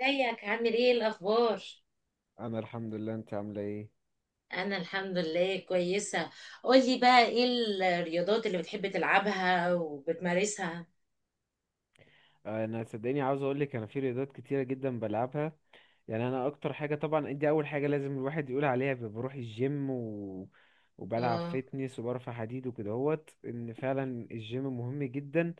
ازيك عامل ايه الاخبار؟ انا الحمد لله. انت عامله ايه؟ انا الحمد لله كويسه. قولي بقى ايه الرياضات اللي بتحب تلعبها وبتمارسها؟ انا صدقني عاوز اقول لك، انا في رياضات كتيره جدا بلعبها. يعني انا اكتر حاجه، طبعا دي اول حاجه لازم الواحد يقول عليها، بروح الجيم، و... وبلعب اه، فيتنس وبرفع حديد وكدهوت ان فعلا الجيم مهم جدا،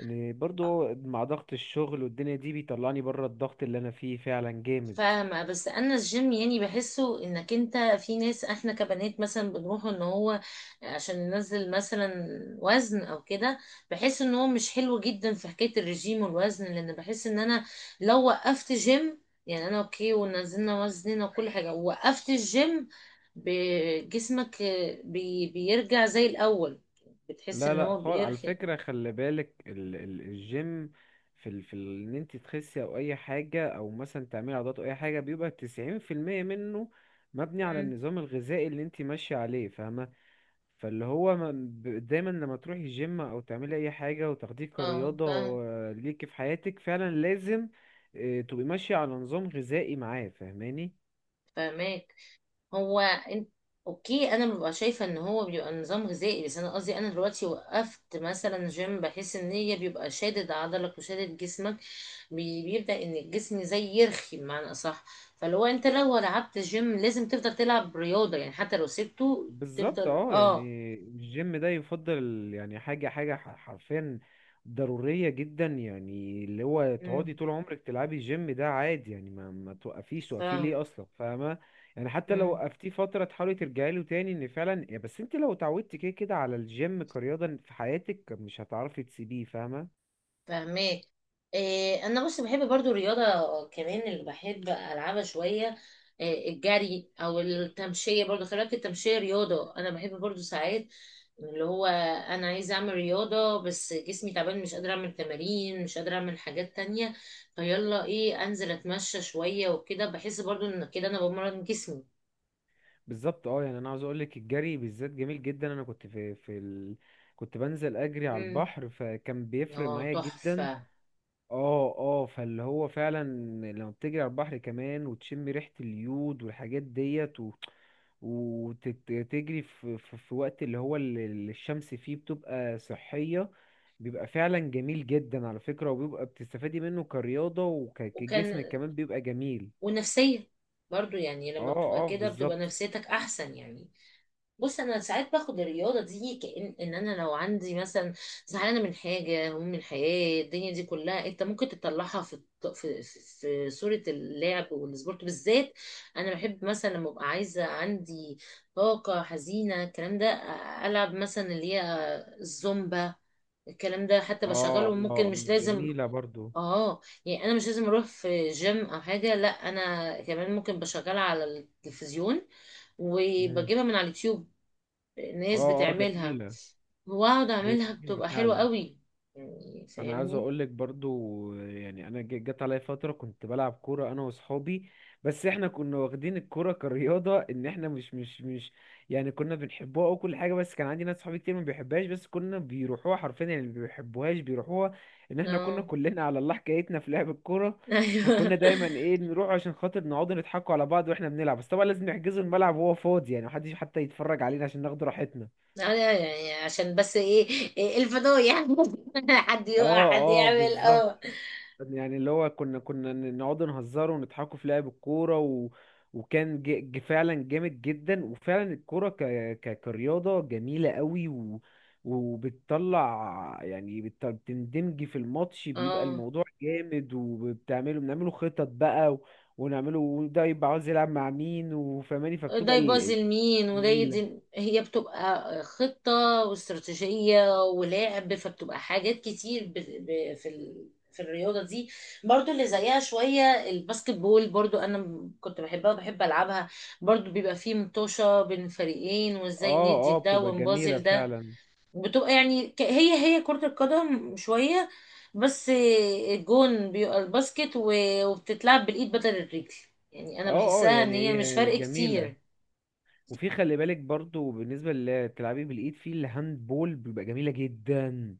ان برضو مع ضغط الشغل والدنيا دي بيطلعني بره الضغط اللي انا فيه فعلا جامد. فاهمة. بس أنا الجيم يعني بحسه إنك أنت في ناس، إحنا كبنات مثلا بنروح إن هو عشان ننزل مثلا وزن أو كده. بحس إن هو مش حلو جدا في حكاية الرجيم والوزن، لأن بحس إن أنا لو وقفت جيم، يعني أنا أوكي ونزلنا وزننا وكل حاجة ووقفت الجيم، جسمك بيرجع زي الأول، بتحس لا إن لا هو خالص، على بيرخي. فكرة خلي بالك ال الجيم، في ال ان انت تخسي او اي حاجة، او مثلا تعملي عضلات او اي حاجة، بيبقى 90% منه مبني على مم. النظام الغذائي اللي انت ماشية عليه، فاهمة. فاللي هو دايما لما تروحي الجيم او تعملي اي حاجة وتاخديه اه، كرياضة، فاهم، آه، ليكي في حياتك فعلا لازم، آه، تبقي ماشية على نظام غذائي معاه، فاهماني. فاهمك. هو انت اوكي، انا ببقى شايفه ان هو بيبقى نظام غذائي، بس انا قصدي انا دلوقتي وقفت مثلا جيم بحس ان هي بيبقى شادد عضلك وشادد جسمك، بيبدا ان الجسم زي يرخي بمعنى اصح. فلو انت لو لعبت جيم لازم تفضل تلعب رياضه، يعني حتى لو سبته بالظبط تفضل. اه، اه. يعني الجيم ده يفضل، يعني حرفيا ضرورية جدا، يعني اللي هو تقعدي امم. طول عمرك تلعبي الجيم ده عادي، يعني ما توقفيش، توقفيه ليه فاهم، اصلا، فاهمة. يعني حتى لو وقفتيه فترة تحاولي ترجعي له تاني ان فعلا، يا بس انت لو اتعودتي كده كده على الجيم كرياضة في حياتك مش هتعرفي تسيبيه، فاهمة. فاهمك. إيه، انا بص بحب برضو الرياضه كمان، اللي بحب العبها شويه إيه الجري او التمشيه، برضو خلي بالك التمشيه رياضه، انا بحب برضو ساعات اللي هو انا عايزه اعمل رياضه بس جسمي تعبان، مش قادره اعمل تمارين، مش قادره اعمل حاجات تانية، فيلا ايه، انزل اتمشى شويه وكده، بحس برضو ان كده انا بمرن جسمي. بالظبط اه، يعني انا عاوز اقولك الجري بالذات جميل جدا. انا كنت كنت بنزل اجري على امم. البحر، فكان بيفرق اه، معايا جدا. تحفه. اه اه فاللي هو فعلا لما بتجري على البحر كمان وتشم ريحة اليود والحاجات ديت، و... وتجري في وقت اللي هو الشمس فيه بتبقى صحية، بيبقى فعلا جميل جدا على فكرة، وبيبقى بتستفادي منه كرياضة وكجسم وكان كمان بيبقى جميل. ونفسيه برضو، يعني لما اه بتبقى اه كده بتبقى بالظبط. نفسيتك احسن يعني. بص انا ساعات باخد الرياضه دي كأن ان انا لو عندي مثلا زعلانه من حاجه، هموم من الحياه الدنيا دي كلها، انت ممكن تطلعها في الط- في في صوره اللعب والسبورت بالذات. انا بحب مثلا لما ابقى عايزه عندي طاقه حزينه الكلام ده، العب مثلا اللي هي الزومبا، الكلام ده حتى اه اه، بشغله ممكن، مش لازم. جميلة برضو. اه، يعني انا مش لازم اروح في جيم او حاجه، لا، انا كمان ممكن بشغلها على التلفزيون مم. وبجيبها من على اليوتيوب، ناس اه اه بتعملها، جميلة. واقعد هي اعملها جميلة بتبقى حلوة فعلا. قوي، يعني انا عايز فاهمني. اقول لك برضو، يعني انا جت عليا فتره كنت بلعب كوره انا واصحابي، بس احنا كنا واخدين الكوره كرياضه ان احنا مش مش مش يعني كنا بنحبوها او كل حاجه، بس كان عندي ناس صحابي كتير ما بيحبهاش، بس كنا بيروحوها حرفيا، يعني ما بيحبوهاش بيروحوها، ان احنا كنا اه. كلنا على الله حكايتنا في لعب الكوره. فكنا ايوه. دايما ايه نروح عشان خاطر نقعد نضحكوا على بعض واحنا بنلعب، بس طبعا لازم نحجزوا الملعب وهو فاضي، يعني محدش حتى يتفرج علينا عشان ناخد راحتنا. أنا يعني عشان بس ايه، إيه الفضايح حد يقع حد اه اه يعمل بالظبط. اه. يعني اللي هو كنا نقعد نهزر ونضحكوا في لعب الكورة، و... وكان فعلا جامد جدا، وفعلا الكورة كرياضة جميلة قوي، و... وبتطلع يعني بتندمجي في الماتش، بيبقى اه، الموضوع جامد، بنعمله خطط بقى، و... ونعمله وده يبقى عاوز يلعب مع مين، وفهماني، ده فبتبقى يبوظ المين وده جميلة. يدي، هي بتبقى خطة واستراتيجية ولعب، فبتبقى حاجات كتير في الرياضة دي. برضو اللي زيها شوية الباسكت بول، برضو أنا كنت بحبها وبحب ألعبها، برضو بيبقى فيه مطوشة بين فريقين، وازاي اه ندي اه ده بتبقى جميلة ونبازل ده. فعلا. بتبقى يعني هي كرة القدم شوية، بس الجون بيبقى الباسكت، و- وبتتلعب بالإيد بدل الرجل. يعني أنا اه اه، بحسها إن يعني هي مش هي فرق جميلة. كتير. وفي خلي بالك برضو، بالنسبة اللي بتلعبي بالإيد في الهاند بول بيبقى جميلة جدا.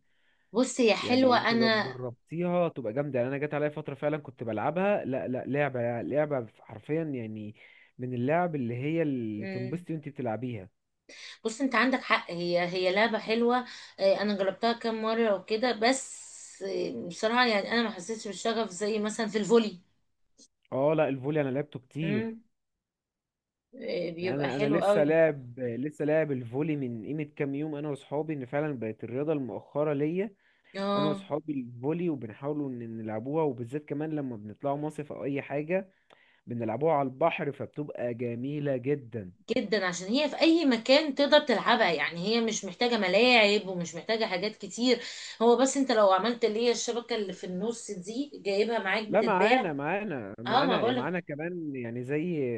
بص هي يعني حلوة انت لو أنا. جربتيها تبقى جامدة، يعني انا جات عليا فترة فعلا كنت بلعبها لا لا، لعبة لعبة حرفيا، يعني من اللعب اللي هي اللي مم. تنبسطي وانت بتلعبيها. بص أنت عندك حق، هي هي لعبة حلوة. آه، أنا جربتها كام مرة وكده بس. آه، بصراحة يعني أنا ما حسيتش بالشغف زي مثلا في الفولي. اه لا، الفولي انا لعبته كتير. مم. آه، بيبقى انا حلو لسه قوي. لاعب، لسه لاعب الفولي من قيمة كام يوم انا واصحابي، ان فعلا بقت الرياضة المؤخرة ليا انا اه، واصحابي الفولي، وبنحاولوا ان نلعبوها، وبالذات كمان لما بنطلعوا مصيف او اي حاجة بنلعبوها على البحر فبتبقى جميلة جدا. جدا، عشان هي في أي مكان تقدر تلعبها، يعني هي مش محتاجة ملاعب ومش محتاجة حاجات كتير، هو بس أنت لو عملت اللي هي الشبكة اللي في النص دي جايبها معاك، لا معانا بتتباع. معانا اه ما معانا بقولك. معانا كمان، يعني زي،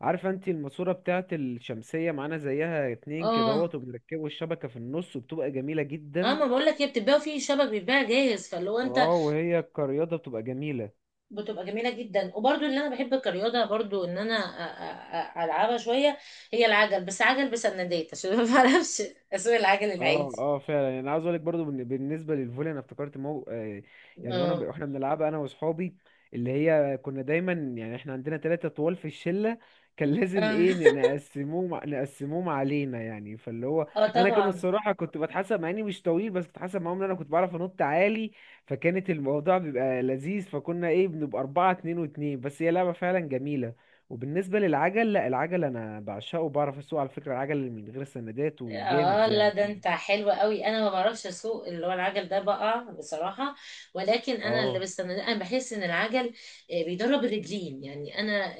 عارفة انت الماسورة بتاعة الشمسية معانا زيها اتنين كده اهوت، اه، وبنركبوا الشبكة في النص وبتبقى جميلة اه، جدا. ما بقولك، هي بتتباع في شبك بيتباع جاهز، فاللي هو انت اه وهي كرياضة بتبقى جميلة. بتبقى جميلة جدا. وبرضو اللي انا بحب كرياضة، برضو ان انا العبها شوية، هي العجل، بس عجل بسندات عشان ما بعرفش اسوق العجل اه العادي. اه فعلا، يعني انا عاوز اقول لك برضو، بالنسبه للفولي انا افتكرت آه، يعني اه. واحنا بنلعبها انا واصحابي، اللي هي كنا دايما، يعني احنا عندنا ثلاثه طوال في الشله، كان لازم اه. ايه نقسموهم علينا، يعني فاللي هو آه انا كانوا طبعا. الصراحه كنت بتحسب مع اني مش طويل، بس كنت بتحسب معاهم ان انا كنت بعرف انط عالي، فكانت الموضوع بيبقى لذيذ، فكنا ايه بنبقى اربعه اتنين واتنين. بس هي لعبه فعلا جميله. وبالنسبه للعجل، لا العجل انا بعشقه، وبعرف اسوق على فكره العجل من غير سندات وجامد اه لا، يعني. ده انت حلو قوي، انا ما بعرفش اسوق اللي هو العجل ده بقى بصراحه. ولكن انا اللي اه بستنى، انا بحس ان العجل آه، بيدرب الرجلين، يعني انا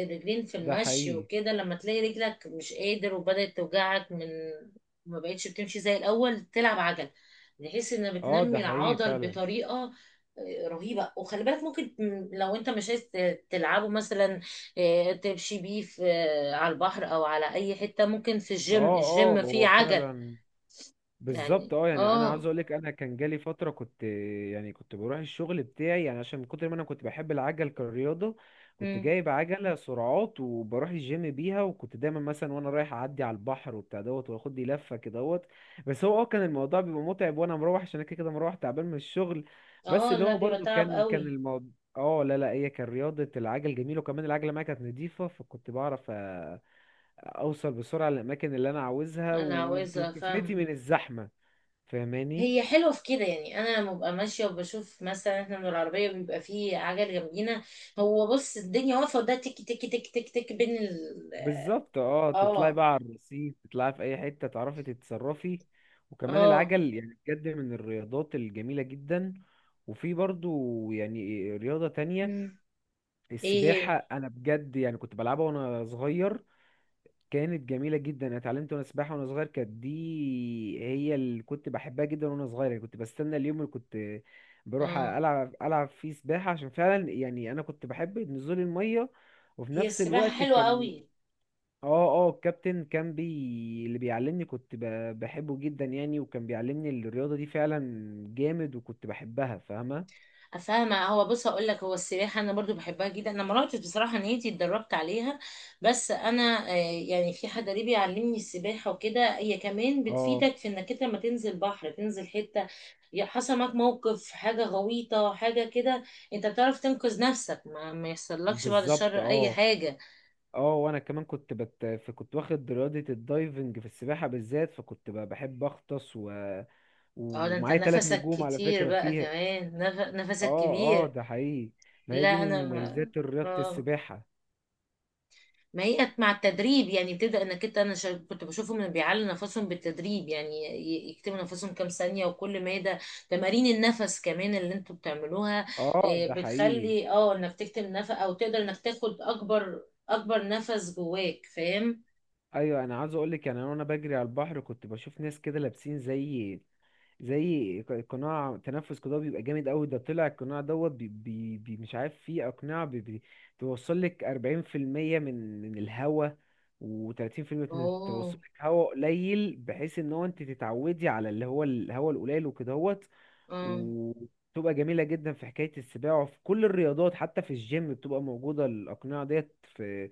آه، الرجلين في ده المشي حقيقي. وكده، لما تلاقي رجلك مش قادر وبدات توجعك من ما بقتش بتمشي زي الاول، تلعب عجل بحيث انها اه ده بتنمي حقيقي العضل فعلا. بطريقه آه، رهيبه. وخلي بالك ممكن لو انت مش عايز تلعبه مثلا آه، تمشي بيه في على البحر او على اي حتة، ممكن في اه الجيم، اه الجيم فيه هو عجل. فعلا. بالظبط يعني اه، يعني انا عاوز اه. اقول لك انا كان جالي فتره كنت، يعني كنت بروح الشغل بتاعي، يعني عشان من كتر ما انا كنت بحب العجل كرياضه كنت مم. جايب عجله سرعات، وبروح الجيم بيها، وكنت دايما مثلا وانا رايح اعدي على البحر وبتاع دوت، واخد لي لفه كده دوت. بس هو اه كان الموضوع بيبقى متعب وانا مروح، عشان انا كده كده مروح تعبان من الشغل. بس اه اللي لا، هو بيبقى برضو تعب كان قوي. الموضوع، اه لا لا، هي كان رياضه العجل جميله، وكمان العجله معايا كانت نضيفه، فكنت بعرف اوصل بسرعه للاماكن اللي انا عاوزها انا عاوزة وتفلتي افهم. من الزحمه، فاهماني. هي حلوة في كده، يعني انا لما ببقى ماشية وبشوف مثلا احنا من العربية بيبقى فيه عجل جنبينا، هو بص الدنيا واقفة وده تك تك تك تك تك بين ال، بالظبط اه تطلعي اه. بقى على الرصيف، تطلعي في اي حته تعرفي تتصرفي، وكمان اه. العجل يعني بجد من الرياضات الجميله جدا. وفي برضو يعني رياضه تانية، مم. ايه السباحه هي؟ انا بجد يعني كنت بلعبها وانا صغير، كانت جميله جدا، انا اتعلمت وانا سباحه وانا صغير، كانت دي هي اللي كنت بحبها جدا وانا صغير، يعني كنت بستنى اليوم اللي كنت بروح اه، العب، فيه سباحه، عشان فعلا يعني انا كنت بحب نزول الميه، وفي هي نفس السباحة الوقت حلوة كان، قوي. اه اه الكابتن كان اللي بيعلمني كنت بحبه جدا يعني، وكان بيعلمني الرياضة دي فعلا جامد، وكنت بحبها، فاهمة. فاهمة. هو بص، هقول لك هو السباحة أنا برضو بحبها جدا، أنا ما رحتش بصراحة نيتي اتدربت عليها، بس أنا آه، يعني في حد قريبي علمني السباحة وكده. هي كمان اه بتفيدك في إنك أنت لما تنزل بحر، تنزل حتة يا حصل معاك موقف، حاجة غويطة حاجة كده، أنت بتعرف تنقذ نفسك، ما يحصلكش بعد بالظبط. الشر أي اه حاجة. اه، وانا كمان فكنت واخد رياضة الدايفنج في السباحة بالذات، فكنت بحب اغطس، و... اه ده أنت ومعايا ثلاث نفسك نجوم على كتير فكرة بقى فيها. كمان، نفسك اه اه كبير. ده حقيقي. ما هي دي لا من أنا، مميزات رياضة ما... السباحة. ما هي مع التدريب يعني بتبدأ انك انت، انا كنت بشوفهم انه بيعلوا نفسهم بالتدريب، يعني يكتموا نفسهم كام ثانية وكل مادة تمارين النفس كمان اللي انتوا بتعملوها. اه إيه، ده حقيقي. بتخلي انك تكتم نفس او تقدر انك تاخد اكبر اكبر نفس جواك فاهم. ايوه انا عاوز اقول لك يعني انا وانا بجري على البحر كنت بشوف ناس كده لابسين زي، زي قناع تنفس قضاء بيبقى جامد قوي، ده طلع القناع دوت بي بي بي مش عارف فيه اقناع بي بي توصل لك 40% من الهواء، و30% من اوه. توصل لك هواء قليل بحيث ان هو انت تتعودي على اللي هو الهواء القليل وكدهوت، اه. وبتبقى جميلة جدا في حكاية السباعة وفي كل الرياضات، حتى في الجيم بتبقى موجودة الأقنعة ديت في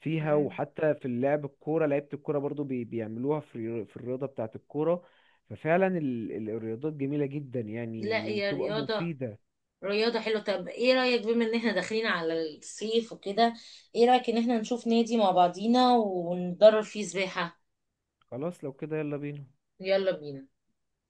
فيها، مم. وحتى في لعب الكورة لعيبة الكورة برضو بيعملوها في الرياضة بتاعة الكورة، ففعلا الرياضات جميلة جدا يعني لا، هي وبتبقى مفيدة. رياضة حلوة. طب ايه رأيك، بما ان احنا داخلين على الصيف وكده، ايه رأيك ان احنا نشوف نادي مع بعضينا وندرب فيه سباحة؟ خلاص لو كده يلا بينا. يلا بينا.